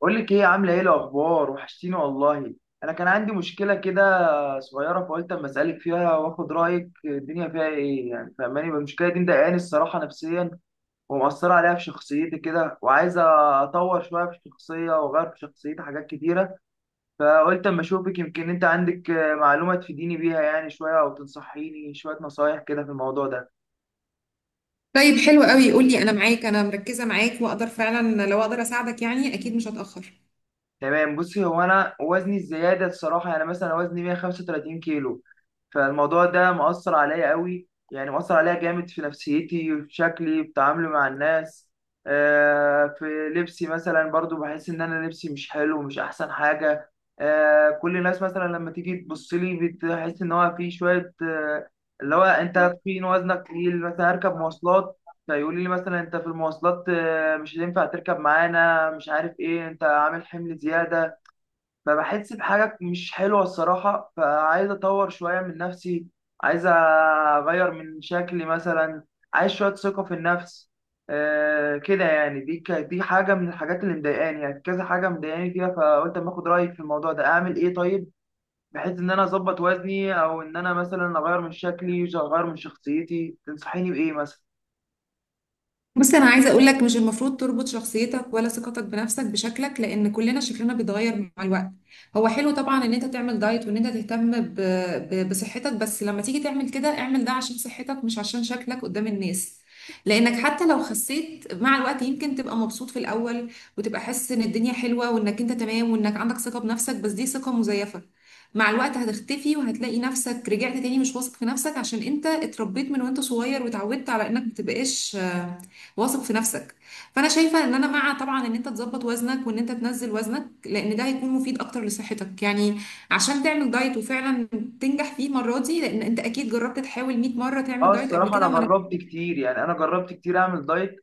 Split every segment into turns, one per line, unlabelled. بقول لك ايه؟ عامله ايه؟ الاخبار؟ وحشتيني والله. انا كان عندي مشكله كده صغيره، فقلت اما اسالك فيها واخد رايك. الدنيا فيها ايه يعني؟ فاهماني؟ المشكله دي مضايقاني الصراحه نفسيا، ومأثره عليها في شخصيتي كده، وعايزه اطور شويه في الشخصيه واغير في شخصيتي حاجات كتيره. فقلت اما اشوفك، يمكن انت عندك معلومه تفيديني بيها يعني شويه، او تنصحيني شويه نصايح كده في الموضوع ده.
طيب، حلو قوي. قول لي، انا معاك، انا مركزه معاك، واقدر فعلا لو اقدر اساعدك يعني اكيد مش هتاخر.
تمام. بصي، هو انا وزني الزياده الصراحه، يعني مثلا وزني 135 كيلو. فالموضوع ده مؤثر عليا قوي، يعني مؤثر عليا جامد في نفسيتي وفي شكلي في تعاملي مع الناس. في لبسي مثلا برضو بحس ان انا لبسي مش حلو، مش احسن حاجة. كل الناس مثلا لما تيجي تبص لي بتحس ان هو في شوية اللي هو انت تخين، وزنك تقيل. مثلا هركب مواصلات فيقول لي مثلا: انت في المواصلات مش هينفع تركب معانا، مش عارف ايه، انت عامل حمل زيادة. فبحس بحاجة مش حلوة الصراحة، فعايز أطور شوية من نفسي، عايز أغير من شكلي مثلا، عايز شوية ثقة في النفس. آه كده يعني. دي دي حاجة من الحاجات اللي مضايقاني، يعني كذا حاجة مضايقاني فيها، فقلت أما آخد رأيك في الموضوع ده. أعمل إيه طيب؟ بحيث إن أنا أظبط وزني، أو إن أنا مثلا أغير من شكلي، أغير من شخصيتي. تنصحيني بإيه مثلا؟
بص، انا عايزه اقول لك مش المفروض تربط شخصيتك ولا ثقتك بنفسك بشكلك، لان كلنا شكلنا بيتغير مع الوقت. هو حلو طبعا ان انت تعمل دايت وان انت تهتم بصحتك. بس لما تيجي تعمل كده، اعمل ده عشان صحتك مش عشان شكلك قدام الناس. لانك حتى لو خسيت مع الوقت يمكن تبقى مبسوط في الاول، وتبقى حاسس ان الدنيا حلوه وانك انت تمام وانك عندك ثقه بنفسك، بس دي ثقه مزيفه. مع الوقت هتختفي، وهتلاقي نفسك رجعت تاني مش واثق في نفسك، عشان انت اتربيت من وانت صغير واتعودت على انك متبقاش واثق في نفسك. فانا شايفه ان انا مع طبعا ان انت تظبط وزنك وان انت تنزل وزنك، لان ده هيكون مفيد اكتر لصحتك يعني. عشان تعمل دايت وفعلا تنجح فيه المره دي، لان انت اكيد جربت تحاول 100 مره تعمل
اه
دايت قبل
الصراحة
كده
أنا
وما
جربت
نجحتش.
كتير، يعني أنا جربت كتير أعمل دايت،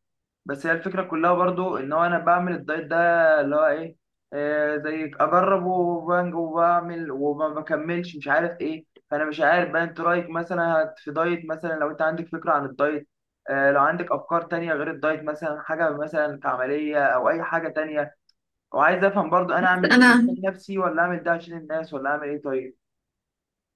بس هي الفكرة كلها برضو إن هو أنا بعمل الدايت ده اللي هو إيه، آه زي أجرب وبنج وبعمل وما بكملش، مش عارف إيه. فأنا مش عارف بقى أنت رأيك مثلا، في دايت مثلا، لو أنت عندك فكرة عن الدايت. آه لو عندك أفكار تانية غير الدايت مثلا، حاجة مثلا كعملية أو أي حاجة تانية. وعايز أفهم برضو، أنا أعمل ده عشان
انا
نفسي، ولا أعمل ده عشان الناس، ولا أعمل إيه طيب؟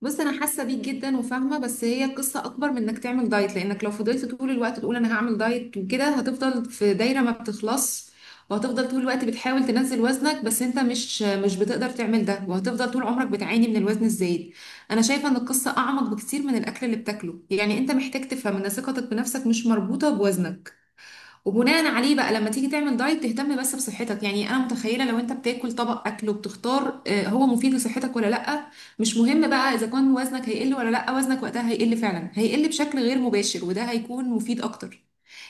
بص، انا حاسه بيك جدا وفاهمه، بس هي قصه اكبر من انك تعمل دايت، لانك لو فضلت طول الوقت تقول انا هعمل دايت وكده هتفضل في دايره ما بتخلص، وهتفضل طول الوقت بتحاول تنزل وزنك، بس انت مش بتقدر تعمل ده، وهتفضل طول عمرك بتعاني من الوزن الزايد. انا شايفه ان القصه اعمق بكتير من الاكل اللي بتاكله، يعني انت محتاج تفهم ان ثقتك بنفسك مش مربوطه بوزنك. وبناء عليه بقى، لما تيجي تعمل دايت، تهتم بس بصحتك. يعني انا متخيله لو انت بتاكل طبق اكل وبتختار هو مفيد لصحتك ولا لا. مش مهم بقى اذا كان وزنك هيقل ولا لا، وزنك وقتها هيقل، فعلا هيقل بشكل غير مباشر، وده هيكون مفيد اكتر.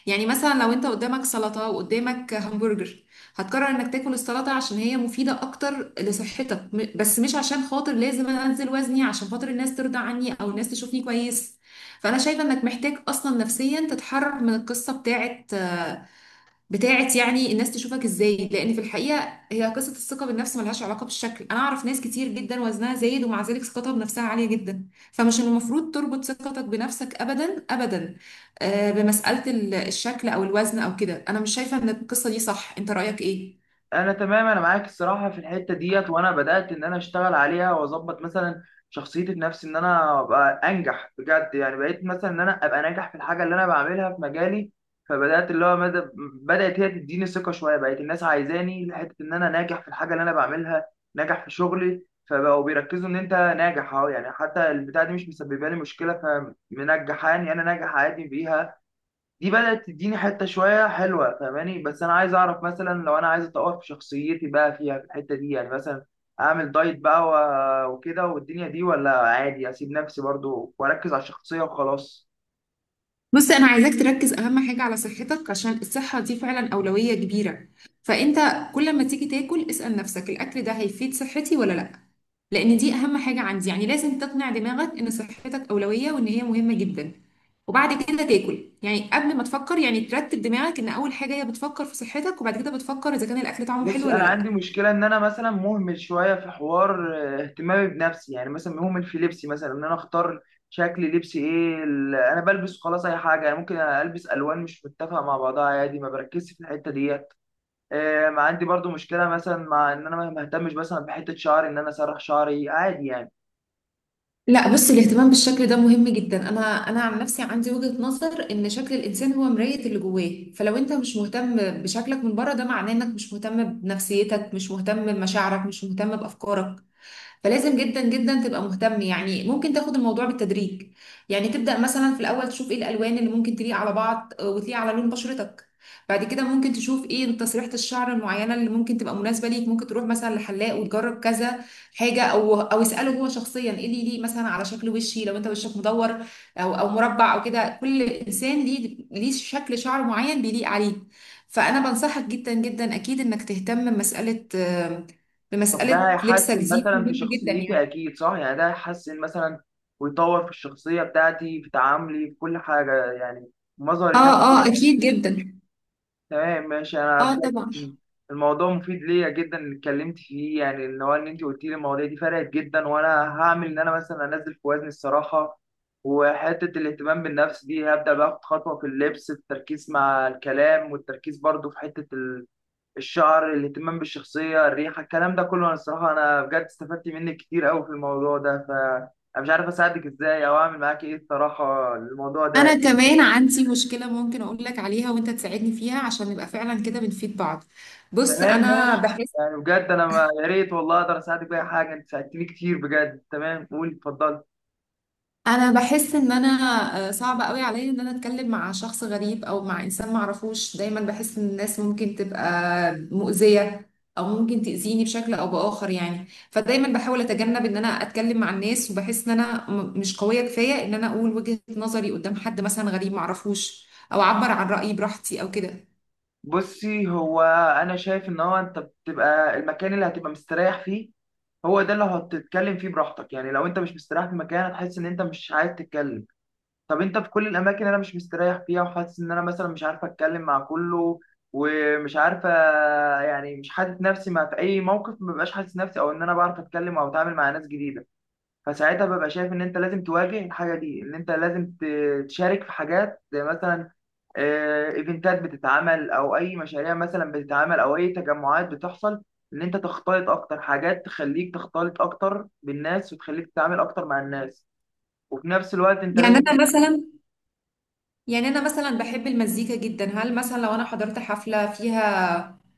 يعني مثلا لو انت قدامك سلطه وقدامك همبرجر، هتقرر انك تاكل السلطه عشان هي مفيده اكتر لصحتك، بس مش عشان خاطر لازم انا انزل وزني عشان خاطر الناس ترضى عني او الناس تشوفني كويس. فانا شايفه انك محتاج اصلا نفسيا تتحرر من القصه بتاعت يعني الناس تشوفك ازاي، لان في الحقيقه هي قصه الثقه بالنفس ملهاش علاقه بالشكل. انا اعرف ناس كتير جدا وزنها زايد ومع ذلك ثقتها بنفسها عاليه جدا، فمش المفروض تربط ثقتك بنفسك ابدا ابدا بمساله الشكل او الوزن او كده. انا مش شايفه ان القصه دي صح، انت رايك ايه؟
انا تمام، انا معاك الصراحه في الحته ديت. وانا بدات ان انا اشتغل عليها، واظبط مثلا شخصيتي في نفسي، ان انا ابقى انجح بجد. يعني بقيت مثلا ان انا ابقى ناجح في الحاجه اللي انا بعملها في مجالي. فبدات اللي هو مدى، بدات هي تديني ثقه شويه، بقت الناس عايزاني لحته ان انا ناجح في الحاجه اللي انا بعملها، ناجح في شغلي. فبقوا بيركزوا ان انت ناجح اهو، يعني حتى البتاع دي مش مسببه لي مشكله، فمنجحاني، انا ناجح عادي بيها. دي بدأت تديني حتة شوية حلوة، فاهماني؟ بس أنا عايز أعرف مثلا، لو أنا عايز أطور في شخصيتي بقى، فيها في الحتة دي يعني، مثلا أعمل دايت بقى وكده والدنيا دي، ولا عادي أسيب نفسي برضو وأركز على الشخصية وخلاص؟
بص، انا عايزاك تركز اهم حاجه على صحتك، عشان الصحه دي فعلا اولويه كبيره. فانت كل ما تيجي تاكل اسال نفسك الاكل ده هيفيد صحتي ولا لا، لان دي اهم حاجه عندي. يعني لازم تقنع دماغك ان صحتك اولويه وان هي مهمه جدا وبعد كده تاكل. يعني قبل ما تفكر، يعني ترتب دماغك ان اول حاجه هي بتفكر في صحتك، وبعد كده بتفكر اذا كان الاكل طعمه حلو
بصي،
ولا
أنا عندي
لا.
مشكلة إن أنا مثلا مهمل شوية في حوار اهتمامي بنفسي. يعني مثلا مهمل في لبسي، مثلا إن أنا أختار شكل لبسي إيه، أنا بلبس خلاص أي حاجة، يعني ممكن ألبس ألوان مش متفقة مع بعضها عادي، ما بركزش في الحتة دي. ما عندي برضو مشكله مثلا، مع ان انا ما اهتمش مثلا بحته شعري، ان انا اسرح شعري عادي يعني.
لا، بص، الاهتمام بالشكل ده مهم جدا. انا عن نفسي عندي وجهة نظر ان شكل الانسان هو مراية اللي جواه، فلو انت مش مهتم بشكلك من بره، ده معناه انك مش مهتم بنفسيتك، مش مهتم بمشاعرك، مش مهتم بافكارك. فلازم جدا جدا تبقى مهتم. يعني ممكن تاخد الموضوع بالتدريج، يعني تبدأ مثلا في الأول تشوف ايه الألوان اللي ممكن تليق على بعض وتليق على لون بشرتك. بعد كده ممكن تشوف ايه تسريحة الشعر المعينة اللي ممكن تبقى مناسبة ليك، ممكن تروح مثلا لحلاق وتجرب كذا حاجة، او اسأله هو شخصيا ايه اللي يليق مثلا على شكل وشي، لو انت وشك مدور او مربع او كده. كل انسان ليه شكل شعر معين بيليق عليه. فانا بنصحك جدا جدا اكيد انك تهتم بمساله
طب ده
بمسألة لبسك،
هيحسن
دي
مثلا في
مهمة جدا يعني.
شخصيتي اكيد صح؟ يعني ده هيحسن مثلا ويطور في الشخصيه بتاعتي، في تعاملي، في كل حاجه يعني مظهر الناس؟
اه، اه، اكيد جدا.
تمام ماشي. انا
اه طبعا.
بجد الموضوع مفيد ليا جدا اللي اتكلمت فيه، يعني اللي هو ان انت قلت لي المواضيع دي فرقت جدا. وانا هعمل ان انا مثلا انزل في وزني الصراحه، وحته الاهتمام بالنفس دي هبدا باخد خطوه في اللبس، التركيز مع الكلام، والتركيز برضو في حته الشعر، الاهتمام بالشخصيه، الريحه، الكلام ده كله. انا الصراحه انا بجد استفدت منك كتير قوي في الموضوع ده. انا مش عارف اساعدك ازاي او اعمل معاك ايه الصراحه، الموضوع
انا
ده.
كمان عندي مشكلة ممكن اقول لك عليها وانت تساعدني فيها، عشان نبقى فعلا كده بنفيد بعض. بص،
تمام ماشي، يعني بجد انا ما، يا ريت والله اقدر اساعدك باي حاجه، انت ساعدتني كتير بجد. تمام، قول اتفضل.
انا بحس ان انا صعب قوي عليا ان انا اتكلم مع شخص غريب او مع انسان معرفوش. دايما بحس ان الناس ممكن تبقى مؤذية او ممكن تأذيني بشكل او بآخر يعني. فدايما بحاول اتجنب ان انا اتكلم مع الناس، وبحس ان انا مش قوية كفاية ان انا اقول وجهة نظري قدام حد مثلا غريب معرفوش، او اعبر عن رأيي براحتي او كده.
بصي، هو انا شايف ان هو انت بتبقى المكان اللي هتبقى مستريح فيه، هو ده اللي هتتكلم فيه براحتك. يعني لو انت مش مستريح في مكان، هتحس ان انت مش عايز تتكلم. طب انت في كل الاماكن اللي انا مش مستريح فيها، وحاسس ان انا مثلا مش عارف اتكلم مع كله، ومش عارفه، يعني مش حاسس نفسي، مع في اي موقف ما ببقاش حاسس نفسي، او ان انا بعرف اتكلم او اتعامل مع ناس جديده. فساعتها ببقى شايف ان انت لازم تواجه الحاجه دي، ان انت لازم تشارك في حاجات، زي مثلا ايفنتات بتتعمل، او اي مشاريع مثلا بتتعمل، او اي تجمعات بتحصل، ان انت تختلط اكتر. حاجات تخليك تختلط اكتر بالناس، وتخليك تتعامل اكتر مع الناس. وفي نفس الوقت انت
يعني
لازم.
انا مثلا يعني انا مثلا بحب المزيكا جدا. هل مثلا لو انا حضرت حفلة فيها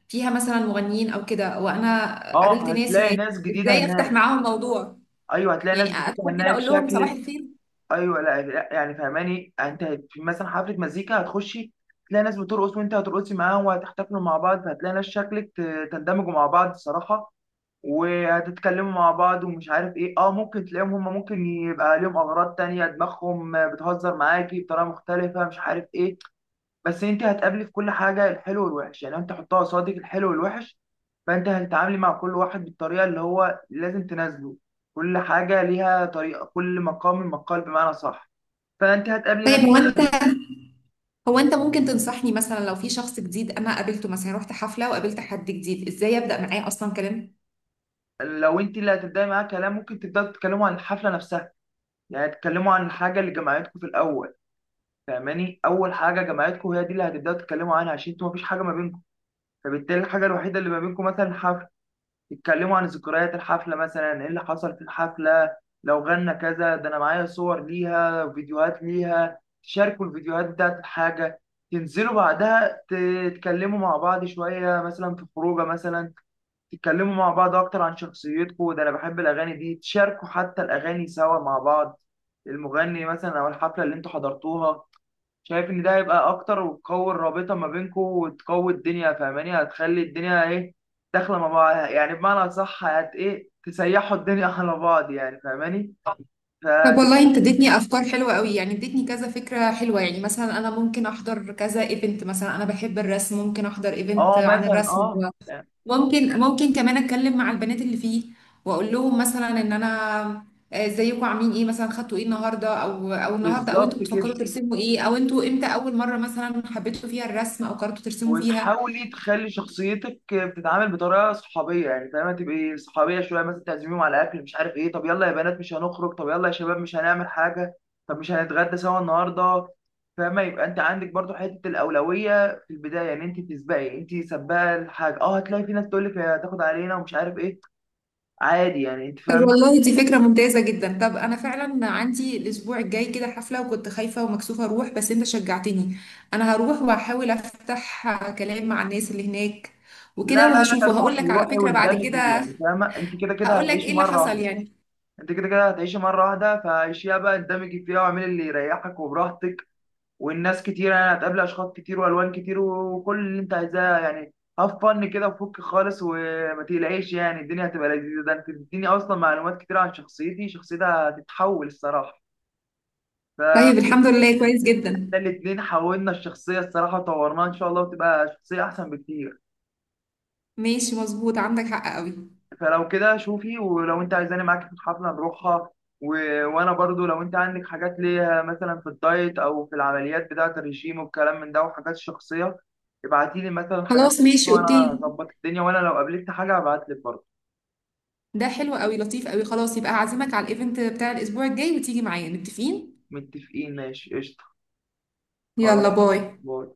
فيها مثلا مغنيين او كده، وانا قابلت
اه
ناس
هتلاقي
هناك،
ناس جديده
ازاي افتح
هناك.
معاهم موضوع؟
ايوه هتلاقي ناس
يعني
جديده
ادخل كده
هناك
اقول لهم صباح
شكل.
الخير؟
ايوه. لا لا، يعني فهماني انت، في مثلا حفله مزيكا هتخشي، تلاقي ناس بترقص وانت هترقصي معاهم، وهتحتفلوا مع بعض، فهتلاقي ناس شكلك تندمجوا مع بعض صراحه، وهتتكلموا مع بعض ومش عارف ايه. اه ممكن تلاقيهم هم، ممكن يبقى لهم اغراض تانية، دماغهم بتهزر معاكي بطريقه مختلفه، مش عارف ايه. بس انت هتقابلي في كل حاجه الحلو والوحش، يعني انت حطها قصادك الحلو والوحش. فانت هتتعاملي مع كل واحد بالطريقه اللي هو لازم تنازله، كل حاجه ليها طريقه، كل مقام مقال، بمعنى صح. فانت هتقابلي ناس.
طيب، هو انت ممكن تنصحني مثلا لو في شخص جديد انا قابلته، مثلا رحت حفله وقابلت حد جديد، ازاي ابدا معاه اصلا كلام؟
لو انت اللي هتبداي معاها كلام، ممكن تبداوا تتكلموا عن الحفله نفسها، يعني تتكلموا عن الحاجه اللي جمعتكم في الاول. فاهماني؟ اول حاجه جمعتكم هي دي اللي هتبداوا تتكلموا عنها، عشان انتوا مفيش حاجه ما بينكم. فبالتالي الحاجه الوحيده اللي ما بينكم مثلا الحفله، تتكلموا عن ذكريات الحفله، مثلا ايه اللي حصل في الحفله، لو غنى كذا، ده انا معايا صور ليها، فيديوهات ليها، تشاركوا الفيديوهات بتاعت الحاجه، تنزلوا بعدها تتكلموا مع بعض شويه مثلا في خروجه مثلا، تتكلموا مع بعض اكتر عن شخصيتكم: ده انا بحب الاغاني دي، تشاركوا حتى الاغاني سوا مع بعض، المغني مثلا او الحفله اللي انتوا حضرتوها. شايف ان ده هيبقى اكتر، وتقوي الرابطه ما بينكم وتقوي الدنيا. فاهماني؟ هتخلي الدنيا ايه، داخله مع بعض، يعني بمعنى صح هت ايه تسيحوا الدنيا على بعض يعني، فاهماني؟
طب والله
فتبقى.
انت اديتني افكار حلوه قوي، يعني اديتني كذا فكره حلوه. يعني مثلا انا ممكن احضر كذا ايفنت، مثلا انا بحب الرسم، ممكن احضر ايفنت
اه
عن
مثلا
الرسم.
اه يعني.
ممكن كمان اتكلم مع البنات اللي فيه، واقول لهم مثلا ان انا ازيكم عاملين ايه، مثلا خدتوا ايه النهارده او انتوا
بالظبط
بتفكروا
كده.
ترسموا ايه، او انتوا امتى اول مره مثلا حبيتوا فيها الرسم او قررتوا ترسموا فيها.
وتحاولي تخلي شخصيتك بتتعامل بطريقه صحابيه، يعني فاهمه؟ تبقي صحابيه شويه، مثلا تعزميهم على اكل مش عارف ايه: طب يلا يا بنات، مش هنخرج؟ طب يلا يا شباب، مش هنعمل حاجه؟ طب مش هنتغدى سوا النهارده؟ فاهمه؟ يبقى انت عندك برضو حته الاولويه في البدايه، يعني انت تسبقي، انت سباقه الحاجه. اه هتلاقي في ناس تقول لك هتاخد علينا ومش عارف ايه، عادي يعني، انت
طب
فاهمه.
والله دي فكرة ممتازة جدا. طب انا فعلا عندي الاسبوع الجاي كده حفلة، وكنت خايفة ومكسوفة اروح بس انت شجعتني. انا هروح وهحاول افتح كلام مع الناس اللي هناك
لا
وكده،
لا، لا
وهشوف وهقول لك
روحي
على
روحي
فكرة بعد
واندمجي،
كده،
يعني فاهمه؟ انت كده كده
هقول لك ايه
هتعيشي
اللي
مره
حصل
واحده.
يعني.
انت كده كده هتعيشي مره واحده، فعيشيها بقى، اندمجي فيها واعملي اللي يريحك وبراحتك. والناس كتير يعني، هتقابل اشخاص كتير والوان كتير، وكل اللي انت عايزاه يعني. هاف فن كده وفك خالص وما تقلقيش يعني، الدنيا هتبقى لذيذه. ده انت بتديني اصلا معلومات كتير عن شخصيتي، شخصيتها هتتحول الصراحه.
طيب،
فاحنا
الحمد لله، كويس جدا.
الاتنين حولنا الشخصيه الصراحه وطورناها ان شاء الله، وتبقى شخصيه احسن بكتير.
ماشي، مظبوط، عندك حق قوي.
فلو كده شوفي، ولو انت عايزاني معاكي في الحفله نروحها و... وانا برضو لو انت عندك حاجات ليها مثلا في الدايت، او في العمليات بتاعه الرجيم والكلام من ده، وحاجات شخصيه، ابعتي لي مثلا حاجات.
خلاص، ماشي،
وانا
اوكي.
هظبط الدنيا، وانا لو قابلت حاجه هبعت لك برضو.
ده حلو قوي، لطيف قوي. خلاص، يبقى هعزمك على الايفنت بتاع الاسبوع الجاي وتيجي معايا، متفقين.
متفقين ماشي قشطه.
يلا
خلاص،
باي.
باي.